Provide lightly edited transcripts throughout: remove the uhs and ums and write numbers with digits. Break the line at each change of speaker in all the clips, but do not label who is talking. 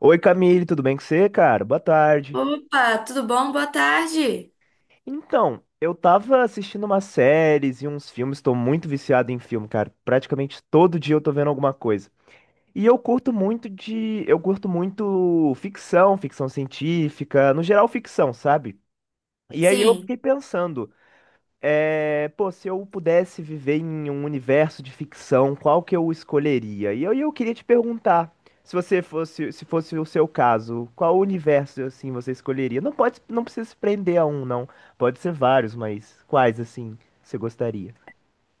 Oi Camille, tudo bem com você, cara? Boa tarde.
Opa, tudo bom? Boa tarde.
Então, eu tava assistindo umas séries e uns filmes, tô muito viciado em filme, cara. Praticamente todo dia eu tô vendo alguma coisa. E eu curto muito ficção, ficção científica, no geral ficção, sabe? E aí eu
Sim,
fiquei pensando, é, pô, se eu pudesse viver em um universo de ficção, qual que eu escolheria? E eu queria te perguntar, se fosse o seu caso, qual universo assim você escolheria? Não pode, não precisa se prender a um, não. Pode ser vários, mas quais assim você gostaria?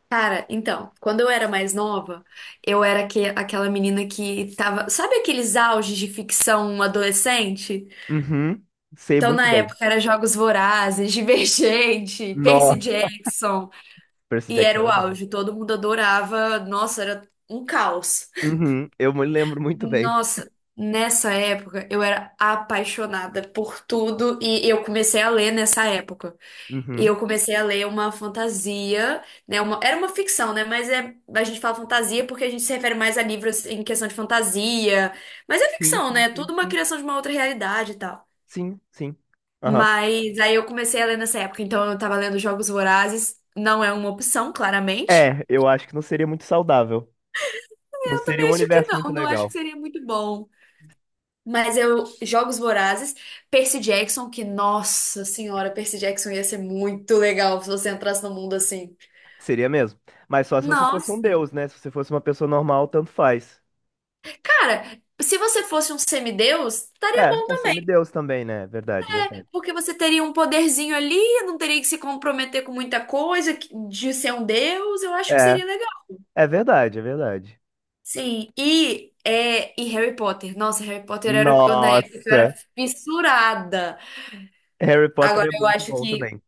cara, então, quando eu era mais nova, eu era que, aquela menina que tava. Sabe aqueles auges de ficção adolescente?
Uhum, sei
Então,
muito
na
bem.
época, era Jogos Vorazes, Divergente, Percy
Nossa,
Jackson,
Percy
e
Jackson
era o
era bom.
auge. Todo mundo adorava. Nossa, era um caos.
Uhum, eu me lembro muito bem.
Nossa, nessa época, eu era apaixonada por tudo e eu comecei a ler nessa época. E
Uhum.
eu comecei a ler uma fantasia, né? Uma, era uma ficção, né? Mas é, a gente fala fantasia porque a gente se refere mais a livros em questão de fantasia. Mas é
Sim,
ficção, né?
sim,
É
sim,
tudo uma
sim.
criação de uma outra realidade e tal.
Sim, sim. Aham.
Mas aí eu comecei a ler nessa época. Então eu tava lendo Jogos Vorazes. Não é uma opção, claramente.
É, eu acho que não seria muito saudável. Não
Eu
seria
também
um
acho que
universo muito
não. Não acho que
legal.
seria muito bom. Mas eu, Jogos Vorazes, Percy Jackson, que, nossa senhora, Percy Jackson ia ser muito legal se você entrasse no mundo assim.
Seria mesmo. Mas só se você fosse um
Nossa.
deus, né? Se você fosse uma pessoa normal, tanto faz.
Cara, se você fosse um semideus, estaria
É,
bom
um
também,
semideus também, né? Verdade, verdade.
porque você teria um poderzinho ali, não teria que se comprometer com muita coisa que- de ser um deus, eu acho que
É,
seria legal.
é verdade, é verdade.
Sim, e, é, e Harry Potter. Nossa, Harry Potter era o que eu- na época que eu
Nossa,
era fissurada.
Harry Potter
Agora
é
eu
muito
acho
bom
que,
também.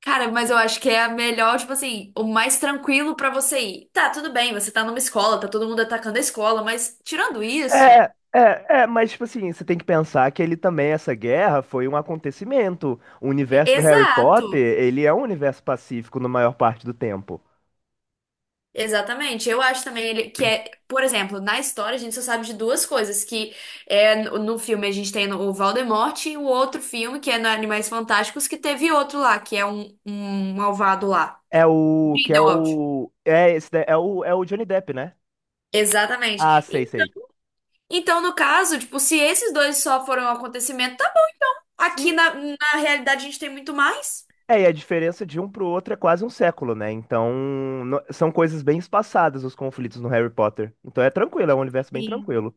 cara, mas eu acho que é a melhor, tipo assim, o mais tranquilo pra você ir. Tá, tudo bem, você tá numa escola, tá todo mundo atacando a escola, mas tirando isso,
É, é, é, mas tipo assim, você tem que pensar que ele também, essa guerra foi um acontecimento. O universo do Harry Potter,
exato.
ele é um universo pacífico na maior parte do tempo.
Exatamente. Eu acho também ele- que é, por exemplo, na história a gente só sabe de duas coisas, que é no filme a gente tem o Voldemort e o outro filme, que é no Animais Fantásticos, que teve outro lá, que é um, um malvado lá.
É o que é
Grindelwald.
o é esse da- é o é o Johnny Depp, né? Ah,
Exatamente.
sei,
Então,
sei.
então, no caso, tipo, se esses dois só foram um acontecimento, tá- aqui
Sim,
na, na realidade a gente tem muito mais.
é, e a diferença de um pro outro é quase um século, né? Então, são coisas bem espaçadas os conflitos no Harry Potter. Então é tranquilo, é um universo bem
Sim.
tranquilo.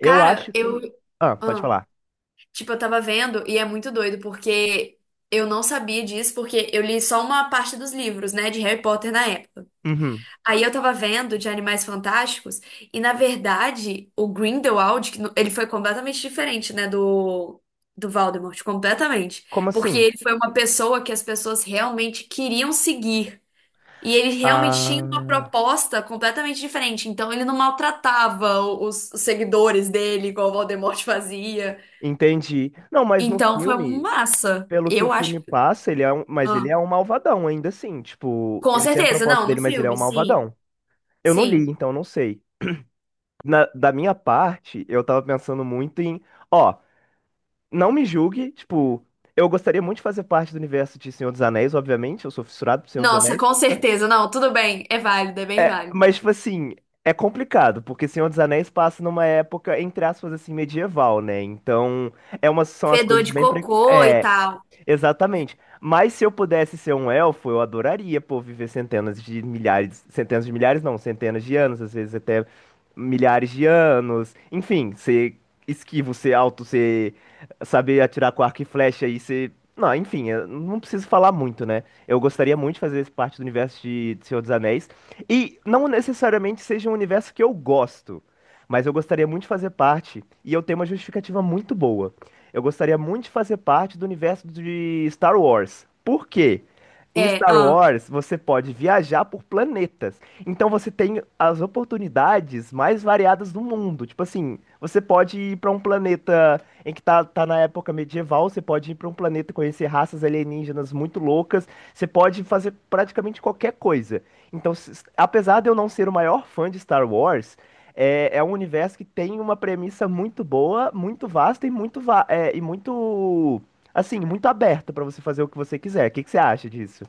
Eu
Cara,
acho
eu.
que. Ah, pode falar.
Tipo, eu tava vendo e é muito doido, porque eu não sabia disso, porque eu li só uma parte dos livros, né, de Harry Potter na época.
Uhum.
Aí eu tava vendo de Animais Fantásticos e, na verdade, o Grindelwald, que no- ele foi completamente diferente, né, do, do Voldemort, completamente.
Como
Porque
assim?
ele foi uma pessoa que as pessoas realmente queriam seguir. E ele realmente tinha uma
Ah,
proposta completamente diferente. Então, ele não maltratava o- os seguidores dele, igual o Voldemort fazia.
entendi. Não, mas no
Então foi um
filme,
massa.
pelo que o
Eu acho.
filme passa, mas ele
Ah,
é um malvadão ainda assim. Tipo,
com
ele tem a
certeza,
proposta
não, no
dele, mas ele é um
filme, sim.
malvadão. Eu não li,
Sim.
então não sei. Da minha parte, eu tava pensando muito em. Ó. Não me julgue, tipo, eu gostaria muito de fazer parte do universo de Senhor dos Anéis, obviamente, eu sou fissurado por Senhor dos
Nossa,
Anéis.
com certeza, não, tudo bem. É válido, é bem
É,
válido.
mas, tipo assim, é complicado, porque Senhor dos Anéis passa numa época, entre aspas, assim, medieval, né? Então, são as
Fedor
coisas
de
bem.
cocô e tal.
Exatamente. Mas se eu pudesse ser um elfo, eu adoraria, pô, viver centenas de milhares não, centenas de anos, às vezes até milhares de anos. Enfim, ser esquivo, ser alto, ser saber atirar com arco e flecha e ser, não, enfim, eu não preciso falar muito, né? Eu gostaria muito de fazer parte do universo de Senhor dos Anéis e não necessariamente seja um universo que eu gosto, mas eu gostaria muito de fazer parte e eu tenho uma justificativa muito boa. Eu gostaria muito de fazer parte do universo de Star Wars. Por quê? Em
É,
Star
ah.
Wars, você pode viajar por planetas. Então você tem as oportunidades mais variadas do mundo. Tipo assim, você pode ir para um planeta em que tá, na época medieval, você pode ir para um planeta e conhecer raças alienígenas muito loucas, você pode fazer praticamente qualquer coisa. Então, apesar de eu não ser o maior fã de Star Wars, é, é um universo que tem uma premissa muito boa, muito vasta e muito, assim, muito aberta pra você fazer o que você quiser. O que que você acha disso?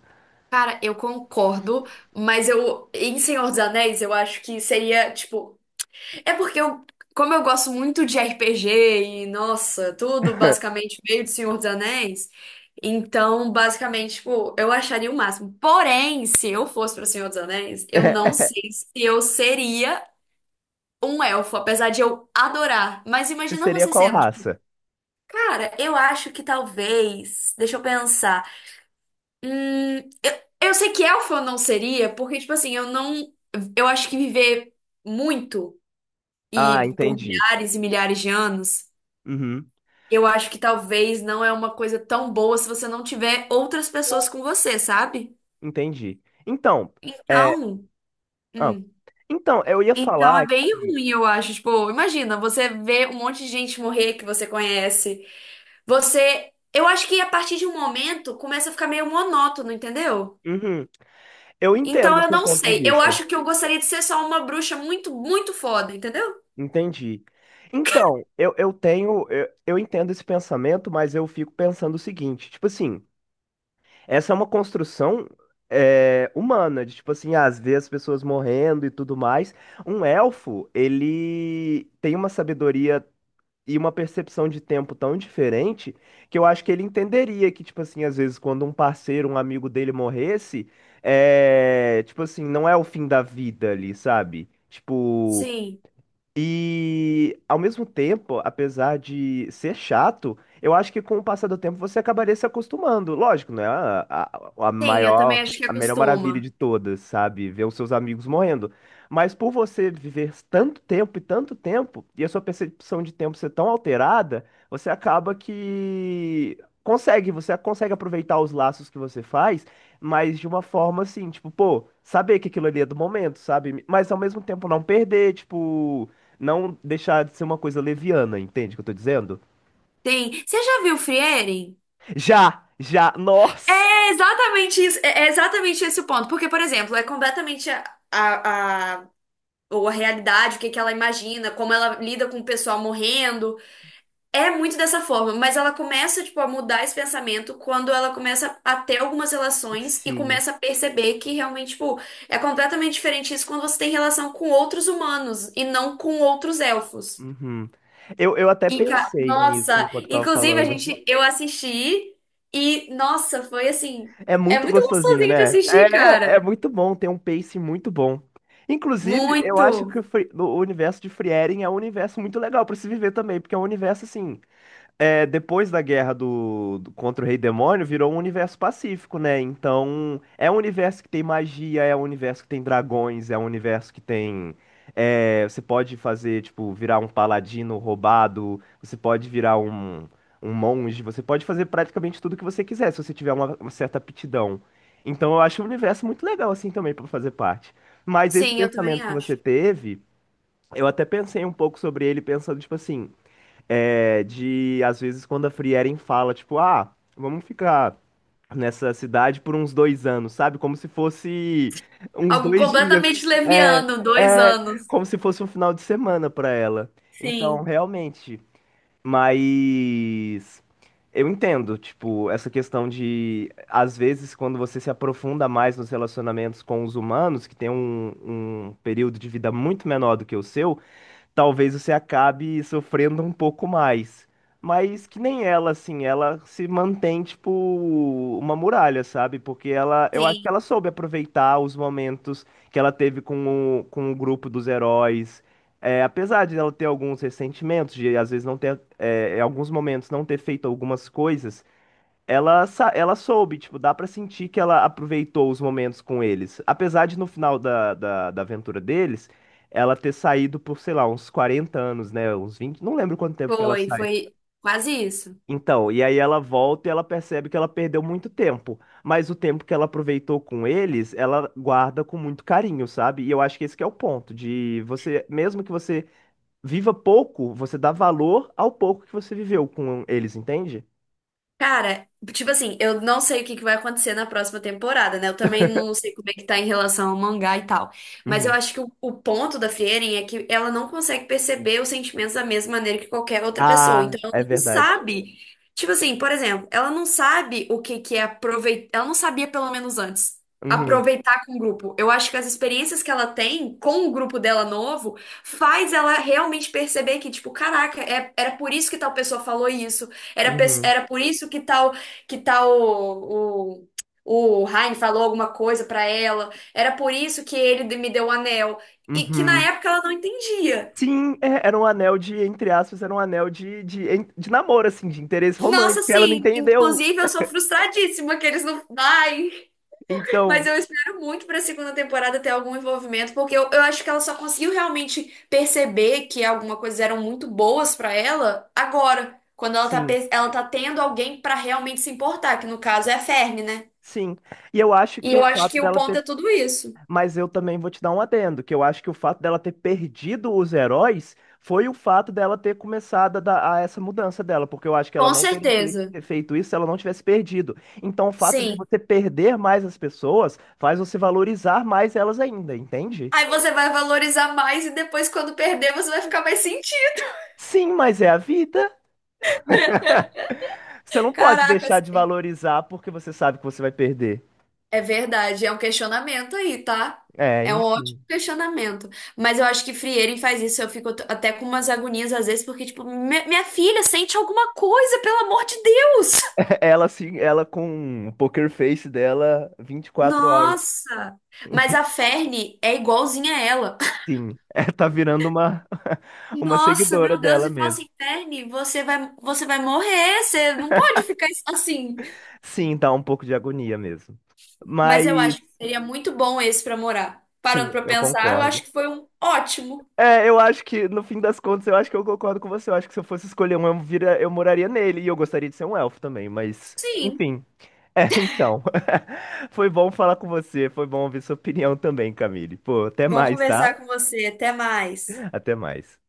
Cara, eu concordo, mas eu, em Senhor dos Anéis, eu acho que seria, tipo, é porque eu, como eu gosto muito de RPG e, nossa, tudo basicamente meio de Senhor dos Anéis, então, basicamente, tipo, eu acharia o máximo. Porém, se eu fosse para Senhor dos Anéis, eu não sei se eu seria um elfo, apesar de eu adorar. Mas
Você
imagina
seria
você
qual
sendo, tipo,
raça?
cara, eu acho que talvez, deixa eu pensar. Hum, eu, eu sei que elfo eu não seria, porque, tipo assim, eu não, eu acho que viver muito
Ah,
e por
entendi.
milhares e milhares de anos.
Uhum,
Eu acho que talvez não é uma coisa tão boa se você não tiver outras pessoas com você, sabe?
entendi. Então, é,
Então,
ah,
hum,
então, eu ia
então
falar
é bem
que,
ruim, eu acho. Tipo, imagina, você vê um monte de gente morrer que você conhece. Você, eu acho que a partir de um momento começa a ficar meio monótono, entendeu?
uhum, eu entendo
Então
o
eu
seu
não
ponto de
sei. Eu
vista.
acho que eu gostaria de ser só uma bruxa muito, muito foda, entendeu?
Entendi. Então, eu, eu entendo esse pensamento, mas eu fico pensando o seguinte, tipo assim. Essa é uma construção, humana, de tipo assim, às vezes as pessoas morrendo e tudo mais. Um elfo, ele tem uma sabedoria e uma percepção de tempo tão diferente que eu acho que ele entenderia que, tipo assim, às vezes quando um parceiro, um amigo dele morresse, é, tipo assim, não é o fim da vida ali, sabe? Tipo,
Sim.
e ao mesmo tempo, apesar de ser chato, eu acho que com o passar do tempo você acabaria se acostumando. Lógico, não é a
Sim, eu também
maior,
acho que
a melhor maravilha
acostuma.
de todas, sabe? Ver os seus amigos morrendo. Mas por você viver tanto tempo, e a sua percepção de tempo ser tão alterada, você acaba que você consegue aproveitar os laços que você faz, mas de uma forma assim, tipo, pô, saber que aquilo ali é do momento, sabe? Mas ao mesmo tempo não perder, tipo não deixar de ser uma coisa leviana, entende o que eu tô dizendo?
Tem. Você já viu Frieren?
Já, já, nossa!
Exatamente isso, é exatamente esse o ponto. Porque, por exemplo, é completamente a- ou a realidade, o que que ela imagina, como ela lida com o pessoal morrendo. É muito dessa forma, mas ela começa, tipo, a mudar esse pensamento quando ela começa a ter algumas relações e
Sim.
começa a perceber que realmente, tipo, é completamente diferente isso quando você tem relação com outros humanos e não com outros elfos.
Uhum. Eu, até
E, ca-
pensei nisso
nossa,
enquanto eu tava
inclusive a
falando.
gente, eu assisti e, nossa, foi assim,
É
é
muito
muito
gostosinho,
gostosinho de
né?
assistir, cara.
É, é muito bom, tem um pace muito bom. Inclusive, eu acho que
Muito.
o universo de Frieren é um universo muito legal pra se viver também, porque é um universo assim, depois da guerra contra o Rei Demônio, virou um universo pacífico, né? Então, é um universo que tem magia, é um universo que tem dragões, é um universo que tem. É, você pode fazer, tipo, virar um paladino roubado, você pode virar um, monge, você pode fazer praticamente tudo que você quiser, se você tiver uma, certa aptidão. Então, eu acho o universo muito legal, assim, também, pra fazer parte. Mas esse
Sim, eu também
pensamento que você
acho.
teve, eu até pensei um pouco sobre ele, pensando, tipo assim. É, de, às vezes, quando a Frieren fala, tipo, ah, vamos ficar nessa cidade por uns 2 anos, sabe? Como se fosse uns
Algo
2 dias.
completamente
É,
leviano, dois
é,
anos.
como se fosse um final de semana pra ela. Então,
Sim,
realmente, mas eu entendo, tipo, essa questão de, às vezes, quando você se aprofunda mais nos relacionamentos com os humanos, que tem um, período de vida muito menor do que o seu, talvez você acabe sofrendo um pouco mais. Mas que nem ela, assim, ela se mantém, tipo, uma muralha, sabe? Porque ela, eu acho que
sim,
ela soube aproveitar os momentos que ela teve com o grupo dos heróis. É, apesar de ela ter alguns ressentimentos, de às vezes não ter, em alguns momentos não ter feito algumas coisas, ela soube, tipo, dá pra sentir que ela aproveitou os momentos com eles. Apesar de no final da aventura deles, ela ter saído por, sei lá, uns 40 anos, né? Uns 20 não lembro quanto tempo que ela
foi,
sai.
foi quase isso.
Então, e aí ela volta e ela percebe que ela perdeu muito tempo. Mas o tempo que ela aproveitou com eles, ela guarda com muito carinho, sabe? E eu acho que esse que é o ponto, de você, mesmo que você viva pouco, você dá valor ao pouco que você viveu com eles, entende?
Cara, tipo assim, eu não sei o que que vai acontecer na próxima temporada, né? Eu também não sei como é que tá em relação ao mangá e tal. Mas eu
Uhum.
acho que o ponto da Frieren é que ela não consegue perceber os sentimentos da mesma maneira que qualquer outra pessoa.
Ah,
Então ela
é
não
verdade.
sabe. Tipo assim, por exemplo, ela não sabe o que que é aproveitar. Ela não sabia, pelo menos antes,
Uhum,
aproveitar com o grupo. Eu acho que as experiências que ela tem com o grupo dela novo faz ela realmente perceber que, tipo, caraca, é- era por isso que tal pessoa falou isso. Era, pe-
uhum,
era por isso que tal o Heine falou alguma coisa pra ela. Era por isso que ele me deu o anel. E que na
uhum.
época ela não entendia.
Sim, é, era um anel de, entre aspas, era um anel de namoro, assim, de interesse romântico.
Nossa,
Ela não
sim,
entendeu.
inclusive eu sou frustradíssima que eles não. Ai, mas
Então,
eu espero muito pra segunda temporada ter algum envolvimento, porque eu acho que ela só conseguiu realmente perceber que alguma coisa eram muito boas pra ela agora, quando ela tá,
sim,
pe- ela tá tendo alguém pra realmente se importar, que no caso é a Fermi, né?
sim. E eu acho
E
que o
eu acho
fato
que o
dela
ponto
ter.
é tudo isso.
Mas eu também vou te dar um adendo, que eu acho que o fato dela ter perdido os heróis foi o fato dela ter começado a essa mudança dela, porque eu acho que ela
Com
não teria
certeza.
ter feito isso se ela não tivesse perdido. Então, o fato de
Sim.
você perder mais as pessoas faz você valorizar mais elas ainda, entende?
Aí você vai valorizar mais e depois, quando perder, você vai ficar mais sentido.
Sim, mas é a vida. Você não pode deixar
Caracas.
de valorizar porque você sabe que você vai perder.
É verdade, é um questionamento aí, tá?
É,
É um ótimo
enfim.
questionamento. Mas eu acho que Frierin faz isso. Eu fico t- até com umas agonias às vezes, porque, tipo, "Mi- minha filha sente alguma coisa, pelo amor de Deus!"
Ela sim, ela com o poker face dela 24 horas.
Nossa! Mas a Ferne é igualzinha a ela.
Sim, é, tá virando uma uma
Nossa,
seguidora
meu Deus,
dela
e fala
mesmo.
assim, Verne, você vai morrer, você não pode ficar assim.
Sim, dá um pouco de agonia mesmo. Mas
Mas eu acho que seria muito bom esse pra morar. Parando
sim,
pra
eu
pensar, eu acho
concordo.
que foi um ótimo.
É, eu acho que no fim das contas eu acho que eu concordo com você. Eu acho que se eu fosse escolher um, eu moraria nele e eu gostaria de ser um elfo também, mas
Sim,
enfim. É, então. Foi bom falar com você, foi bom ouvir sua opinião também, Camille. Pô, até
bom
mais, tá?
conversar com você. Até mais.
Até mais.